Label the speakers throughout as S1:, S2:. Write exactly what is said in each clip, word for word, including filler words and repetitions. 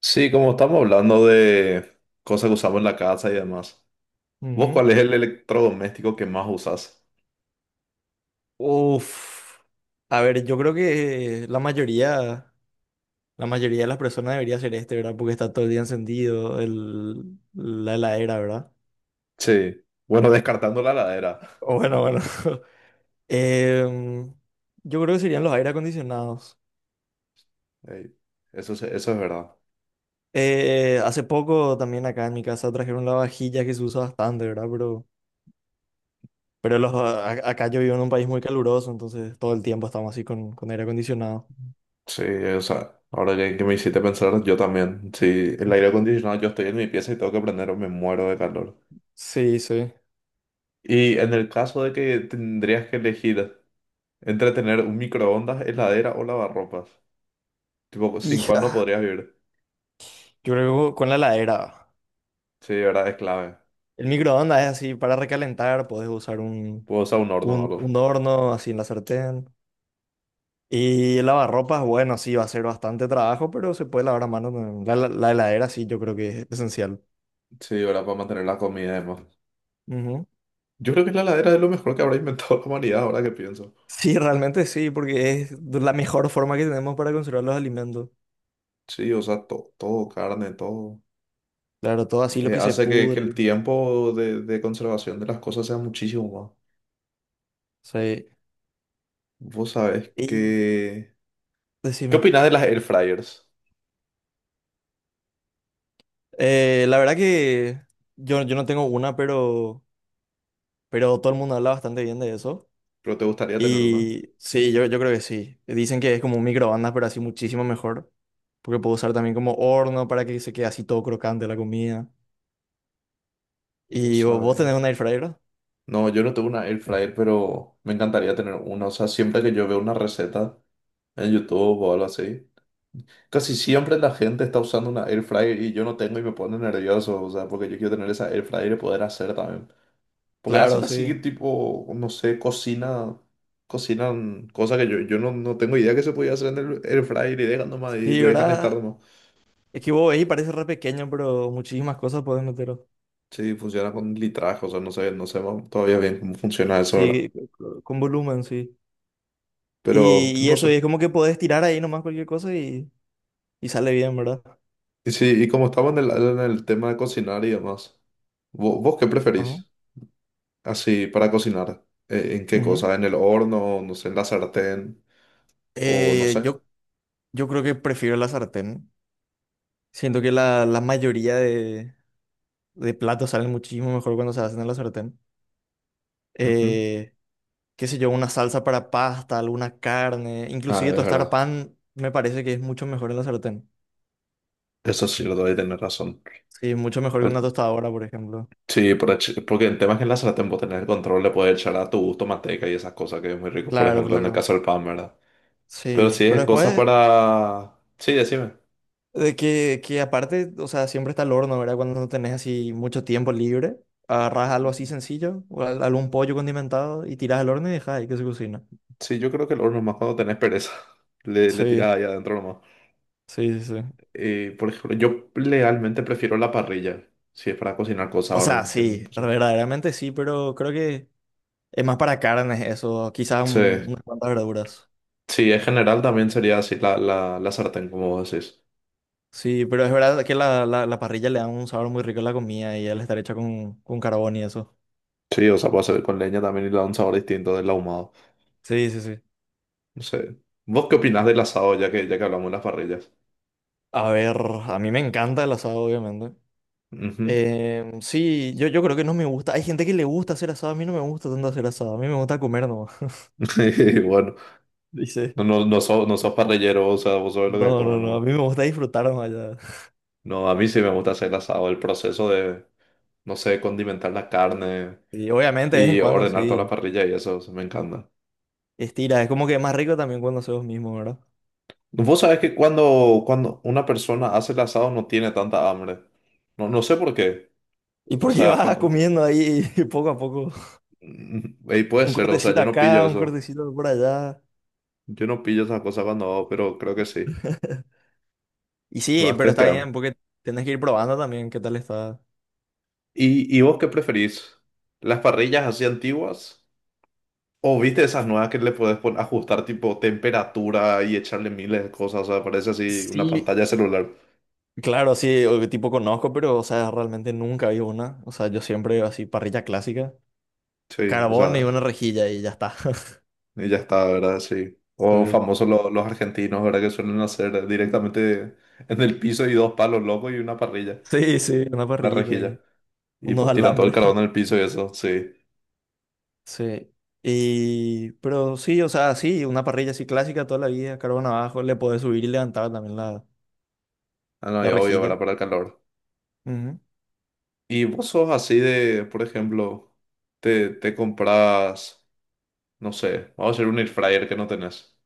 S1: Sí, como estamos hablando de cosas que usamos en la casa y demás. ¿Vos
S2: Ujú.
S1: cuál es el electrodoméstico que más usas?
S2: Uf. A ver, yo creo que la mayoría, la mayoría de las personas debería ser este, ¿verdad? Porque está todo el día encendido el, la heladera, ¿verdad?
S1: Sí. Bueno, descartando la heladera.
S2: O Bueno, bueno. Em, yo creo que serían los aire acondicionados.
S1: Ey, eso, se- eso es verdad.
S2: Eh, hace poco también acá en mi casa trajeron la vajilla que se usa bastante, ¿verdad? Pero, pero los, a- acá yo vivo en un país muy caluroso, entonces todo el tiempo estamos así con, con aire acondicionado.
S1: Sí, o sea, ahora que, que me hiciste pensar, yo también. Sí, el
S2: Ujú.
S1: aire acondicionado, yo estoy en mi pieza y tengo que prender o me muero de calor.
S2: Sí, sí.
S1: Y en el caso de que tendrías que elegir entre tener un microondas, heladera o lavarropas, tipo, sin cuál no
S2: Hija,
S1: podrías vivir.
S2: yo creo que con la heladera.
S1: Sí, de verdad, es clave.
S2: El microondas es así para recalentar, puedes usar un,
S1: Puedo usar un horno o
S2: un,
S1: algo.
S2: un horno así en la sartén. Y el lavarropas, bueno, sí, va a ser bastante trabajo, pero se puede lavar a mano también. La, la- la heladera, sí, yo creo que es esencial.
S1: Sí, ahora para mantener la comida además.
S2: Ujú.
S1: Yo creo que la heladera es lo mejor que habrá inventado la humanidad, ahora que pienso.
S2: Sí, realmente sí, porque es
S1: Eh,
S2: la mejor forma que tenemos para conservar los alimentos.
S1: Sí, o sea, to- todo, carne, todo.
S2: Claro, todo así lo
S1: Eh,
S2: que se
S1: hace que, que el
S2: pudre.
S1: tiempo de, de conservación de las cosas sea muchísimo
S2: Sí.
S1: más. Vos sabés
S2: Y
S1: que. ¿Qué
S2: decime,
S1: opinás de las air fryers?
S2: eh, la verdad que yo, yo no tengo una, pero, pero todo el mundo habla bastante bien de eso.
S1: ¿Pero te gustaría tener una?
S2: Y sí, yo, yo creo que sí. Dicen que es como un microondas, pero así muchísimo mejor. Porque puedo usar también como horno para que se quede así todo crocante la comida.
S1: Vos
S2: ¿Y vo- vos
S1: sabés.
S2: tenés un air fryer?
S1: No, yo no tengo una air fryer, pero me encantaría tener una. O sea, siempre que yo veo una receta en YouTube o algo así. Casi siempre la gente está usando una air fryer y yo no tengo y me pone nervioso, o sea, porque yo quiero tener esa air fryer y poder hacer también. Porque hacen
S2: Claro,
S1: así
S2: sí.
S1: tipo, no sé, cocina, cocinan cosas que yo, yo no, no tengo idea que se podía hacer en el air fryer y dejan nomás y
S2: Sí,
S1: le dejan estar
S2: ¿verdad?
S1: nomás.
S2: Es que vos veis, parece re pequeño, pero muchísimas cosas podés meter.
S1: Sí, funciona con litraje, o sea, no sé, no sé más todavía bien cómo funciona eso ahora.
S2: Sí, co- con volumen, sí.
S1: Pero
S2: Y, y
S1: no
S2: eso, y es
S1: sé.
S2: como que podés tirar ahí nomás cualquier cosa y, y sale bien, ¿verdad?
S1: Y sí, y como estamos en el, en el tema de cocinar y demás, ¿vo- ¿vos, qué
S2: Ajá.
S1: preferís? Así, para cocinar. Eh, ¿En qué
S2: Ujú.
S1: cosa? ¿En el horno? No sé, en la sartén. O no
S2: Eh,
S1: sé.
S2: yo, yo creo que prefiero la sartén. Siento que la, la mayoría de, de platos salen muchísimo mejor cuando se hacen en la sartén.
S1: Ujú.
S2: Eh, Qué sé yo, una salsa para pasta, alguna carne,
S1: Ah,
S2: inclusive
S1: es
S2: tostar
S1: verdad.
S2: pan me parece que es mucho mejor en la sartén.
S1: Eso sí lo doy tener razón.
S2: Sí, mucho mejor que una
S1: El-
S2: tostadora, por ejemplo.
S1: sí, por ech- porque el tema es que en la sartén vos tenés el control, le puedes echar a tu gusto manteca y esas cosas que es muy rico, por
S2: Claro,
S1: ejemplo, en el
S2: claro.
S1: caso del pan, ¿verdad? Pero
S2: Sí,
S1: sí
S2: pero
S1: es cosa
S2: después
S1: para. Sí, decime.
S2: de que, que aparte, o sea, siempre está el horno, ¿verdad? Cuando no tenés así mucho tiempo libre, agarrás algo así sencillo, o al- algún pollo condimentado y tirás al horno y dejás ahí que se cocina.
S1: Sí, yo creo que el horno es más cuando tenés pereza. Le, le
S2: Sí,
S1: tirás ahí adentro nomás.
S2: sí, sí, sí.
S1: Eh, por ejemplo, yo realmente prefiero la parrilla. Si es para cocinar cosas
S2: O sea,
S1: ahora. que-
S2: sí, verdaderamente sí, pero creo que es más para carnes eso, quizás
S1: Sí.
S2: un- unas cuantas verduras.
S1: Sí, en general también sería así la, la, la sartén, como vos decís.
S2: Sí, pero es verdad que la, la, la parrilla le da un sabor muy rico a la comida y al estar hecha con, con carbón y eso.
S1: Sí, o sea, puede ser con leña también y le da un sabor distinto del ahumado.
S2: Sí, sí, sí.
S1: No sé. ¿Vos qué opinás del asado ya que, ya que hablamos de las parrillas?
S2: A ver, a mí me encanta el asado, obviamente.
S1: Ujú.
S2: Em, sí, yo, yo creo que no me gusta. Hay gente que le gusta hacer asado, a mí no me gusta tanto hacer asado, a mí me gusta comer nomás.
S1: Bueno,
S2: Dice,
S1: no, no, no, sos, no sos parrillero, o sea, vos sabés lo que
S2: no, no,
S1: comen
S2: no, a
S1: nomás.
S2: mí me gusta disfrutar nomás ya.
S1: No, a mí sí me gusta hacer el asado, el proceso de, no sé, condimentar la carne
S2: Y obviamente de vez en
S1: y
S2: cuando
S1: ordenar toda la
S2: sí,
S1: parrilla y eso, eso me encanta.
S2: estira, es como que es más rico también cuando haces vos mismo, ¿verdad?
S1: Vos sabés que cuando, cuando una persona hace el asado no tiene tanta hambre. No, no sé por qué.
S2: Y
S1: O
S2: porque
S1: sea,
S2: vas
S1: cuando.
S2: comiendo ahí poco a poco.
S1: Y puede
S2: Un
S1: ser, o sea,
S2: cortecito
S1: yo no pillo
S2: acá, un
S1: eso.
S2: cortecito por allá.
S1: Yo no pillo esas cosas cuando hago, pero creo que sí.
S2: Y sí,
S1: Vas
S2: pero está
S1: testeando.
S2: bien, porque tienes que ir probando también qué tal está.
S1: ¿Y, y vos qué preferís? ¿Las parrillas así antiguas? ¿O viste esas nuevas que le podés pon- ajustar tipo temperatura y echarle miles de cosas? O sea, parece así una
S2: Sí,
S1: pantalla de celular.
S2: claro, sí, o- tipo conozco, pero, o sea, realmente nunca vi una. O sea, yo siempre así, parrilla clásica,
S1: Sí, o
S2: carbón y
S1: sea,
S2: una rejilla y ya está.
S1: y ya está, ¿verdad? Sí. O
S2: Sí,
S1: famosos lo- los argentinos, ¿verdad? Que suelen hacer directamente en el piso y dos palos locos y una parrilla,
S2: sí, sí, una
S1: la
S2: parrillita
S1: rejilla.
S2: y
S1: Y
S2: unos
S1: pues tiran todo el
S2: alambres.
S1: carbón en el piso y eso, sí.
S2: Sí. Y, pero sí, o sea, sí, una parrilla así clásica toda la vida, carbón abajo, le podés subir y levantar también la,
S1: Ah, no, y
S2: la
S1: obvio, ¿verdad?
S2: rejilla.
S1: Para el calor.
S2: Ujú.
S1: Y vos sos así de, por ejemplo, te, te compras, no sé, vamos a hacer un air fryer que no tenés.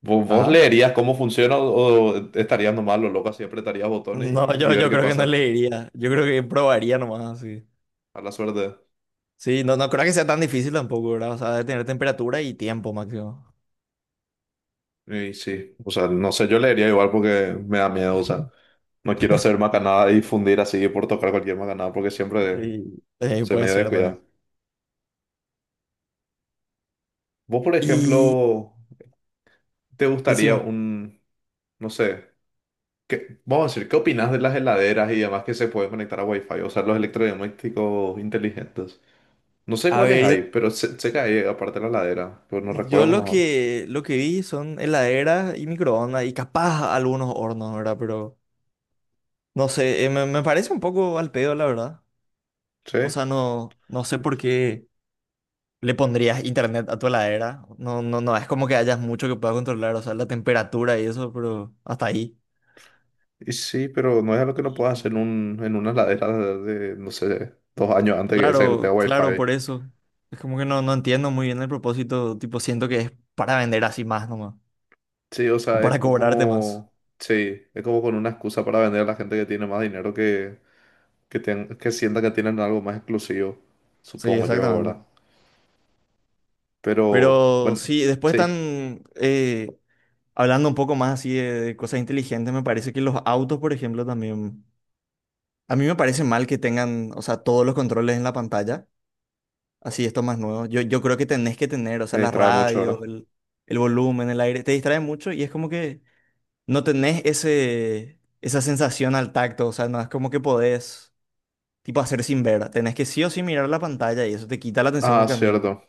S1: ¿Vos, vos
S2: Ajá.
S1: leerías cómo funciona o, o estarías nomás lo loco así apretarías botones
S2: No,
S1: y, y
S2: yo,
S1: ver
S2: yo
S1: qué
S2: creo que no
S1: pasa?
S2: le iría. Yo creo que probaría nomás, sí.
S1: A la suerte.
S2: Sí, no, no creo que sea tan difícil tampoco, ¿verdad? O sea, de tener temperatura y tiempo máximo.
S1: Y sí, o sea, no sé, yo leería igual porque me da miedo, o sea, no quiero hacer macanada y fundir así por tocar cualquier macanada porque siempre
S2: Y, eh,
S1: soy
S2: puede
S1: medio
S2: ser también.
S1: descuidado. Vos, por
S2: Y
S1: ejemplo, ¿te gustaría
S2: decime,
S1: un, no sé? ¿Qué- vamos a decir, ¿qué opinas de las heladeras y demás que se pueden conectar a Wi-Fi? O sea, los electrodomésticos inteligentes. No sé
S2: a
S1: cuáles
S2: ver, yo,
S1: hay, pero se sé que aparte de la heladera, pero no
S2: yo
S1: recuerdo más
S2: lo
S1: ahora.
S2: que, lo que vi son heladeras y microondas y capaz algunos hornos, ¿verdad? Pero no sé, eh, me, me parece un poco al pedo, la verdad.
S1: Sí,
S2: O sea, no, no sé por qué le pondrías internet a tu heladera. No, no, no, es como que hayas mucho que puedas controlar, o sea, la temperatura y eso, pero hasta ahí.
S1: y sí, pero no es algo que no puedas hacer en, un, en una heladera de, de, no sé, dos años antes que esa que no tenga
S2: Claro, claro,
S1: Wi-Fi.
S2: por eso. Es como que no, no entiendo muy bien el propósito. Tipo, siento que es para vender así más nomás.
S1: Sí, o
S2: O
S1: sea, es
S2: para cobrarte más.
S1: como, sí, es como con una excusa para vender a la gente que tiene más dinero que, que, ten- que sienta que tienen algo más exclusivo,
S2: Sí,
S1: supongo yo, ¿verdad?
S2: exactamente.
S1: Pero,
S2: Pero
S1: bueno,
S2: sí, después
S1: sí,
S2: están eh, hablando un poco más así de, de cosas inteligentes. Me parece que los autos, por ejemplo, también. A mí me parece mal que tengan, o sea, todos los controles en la pantalla. Así, esto más nuevo. Yo, yo creo que tenés que tener, o sea,
S1: se
S2: la
S1: distrae mucho, ¿verdad?
S2: radio, el, el volumen, el aire. Te distrae mucho y es como que no tenés ese, esa sensación al tacto, o sea, no es como que podés, tipo, hacer sin ver, tenés que sí o sí mirar la pantalla y eso te quita la atención del
S1: Ah,
S2: camino.
S1: cierto.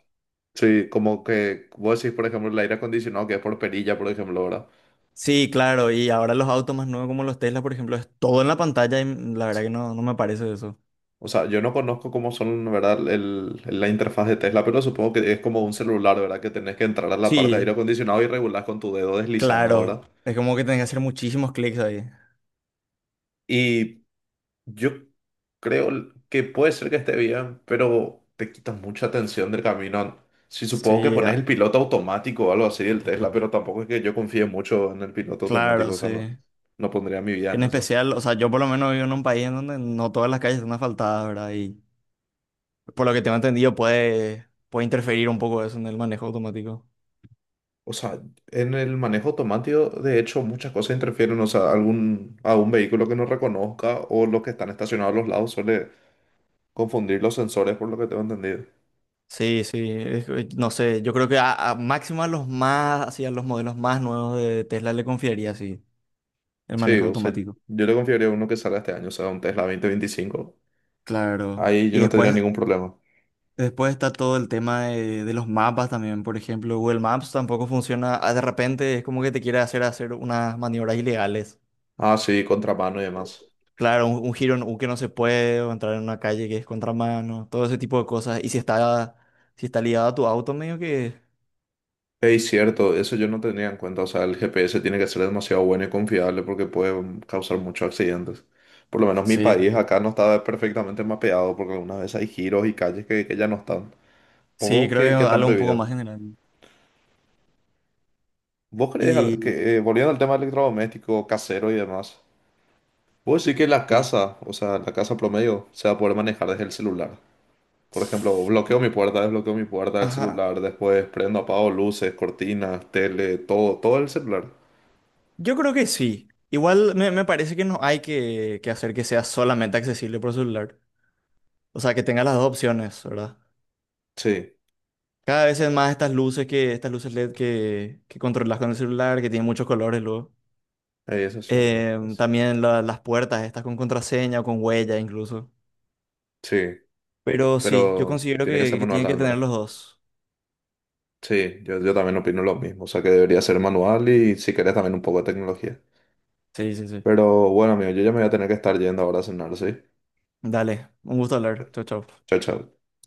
S1: Sí, como que vos decís, por ejemplo, el aire acondicionado que es por perilla, por ejemplo, ¿verdad?
S2: Sí, claro, y ahora los autos más nuevos como los Tesla, por ejemplo, es todo en la pantalla y mm, la verdad que no, no me parece eso.
S1: O sea, yo no conozco cómo son, ¿verdad? El, la interfaz de Tesla, pero supongo que es como un celular, ¿verdad? Que tenés que entrar a la parte de aire
S2: Sí,
S1: acondicionado y regular con tu dedo deslizando,
S2: claro,
S1: ¿verdad?
S2: es como que tenés que hacer muchísimos clics ahí.
S1: Y yo creo que puede ser que esté bien, pero te quitas mucha atención del camino. Si supongo que
S2: Sí,
S1: pones
S2: a-
S1: el piloto automático o algo así del Tesla, pero tampoco es que yo confíe mucho en el piloto automático,
S2: claro,
S1: o
S2: sí.
S1: sea, no, no pondría mi vida
S2: En
S1: en eso.
S2: especial, o sea, yo por lo menos vivo en un país en donde no todas las calles están asfaltadas, ¿verdad? Y por lo que tengo entendido puede, puede interferir un poco eso en el manejo automático.
S1: O sea, en el manejo automático, de hecho, muchas cosas interfieren. O sea, algún, a un vehículo que no reconozca o los que están estacionados a los lados suele confundir los sensores, por lo que tengo entendido.
S2: Sí, sí, es que, no sé, yo creo que a, a máximo a los más, así a los modelos más nuevos de Tesla le confiaría, así el
S1: Sí,
S2: manejo
S1: o sea,
S2: automático.
S1: yo le confiaría a uno que salga este año, o sea, un Tesla dos mil veinticinco.
S2: Claro,
S1: Ahí yo
S2: y
S1: no tendría
S2: después,
S1: ningún problema.
S2: después está todo el tema de, de los mapas también, por ejemplo, Google Maps tampoco funciona, ah, de repente es como que te quiere hacer hacer unas maniobras ilegales.
S1: Ah, sí, contramano y demás.
S2: Claro, un, un giro en U que no se puede, o entrar en una calle que es contramano, todo ese tipo de cosas. Y si está, si está ligado a tu auto, medio que...
S1: Es cierto, eso yo no tenía en cuenta. O sea, el G P S tiene que ser demasiado bueno y confiable porque puede mm, causar muchos accidentes. Por lo menos mi
S2: Sí,
S1: país
S2: sí,
S1: acá no estaba perfectamente mapeado porque algunas veces hay giros y calles que, que ya no están.
S2: sí,
S1: Juegos
S2: creo que
S1: que,
S2: es
S1: que están
S2: algo un poco
S1: prohibidos.
S2: más general.
S1: ¿Vos crees al-
S2: Y...
S1: que, eh, volviendo al tema electrodoméstico, casero y demás, vos decís que la
S2: sí.
S1: casa, o sea, la casa promedio, se va a poder manejar desde el celular? Por ejemplo, bloqueo mi puerta, desbloqueo mi puerta del
S2: Ajá.
S1: celular, después prendo, apago luces, cortinas, tele, todo, todo el celular.
S2: Yo creo que sí. Igual me, me parece que no hay que, que hacer que sea solamente accesible por celular. O sea, que tenga las dos opciones, ¿verdad?
S1: Sí,
S2: Cada vez es más estas luces que, estas luces L E D que, que controlas con el celular, que tienen muchos colores luego.
S1: eh, eso es cierto.
S2: Em,
S1: Es-
S2: también la- las puertas, estas con contraseña o con huella incluso.
S1: Sí,
S2: Pero sí, yo
S1: pero
S2: considero
S1: tiene que
S2: que,
S1: ser
S2: que
S1: manual
S2: tienen que
S1: también,
S2: tener
S1: ¿verdad?
S2: los dos.
S1: Sí, yo, yo también opino lo mismo, o sea que debería ser manual y si querés también un poco de tecnología.
S2: Sí, sí, sí.
S1: Pero bueno, amigo, yo ya me voy a tener que estar yendo ahora a cenar, ¿sí?
S2: Dale, un gusto hablar. Chau, chau.
S1: Chao, chao.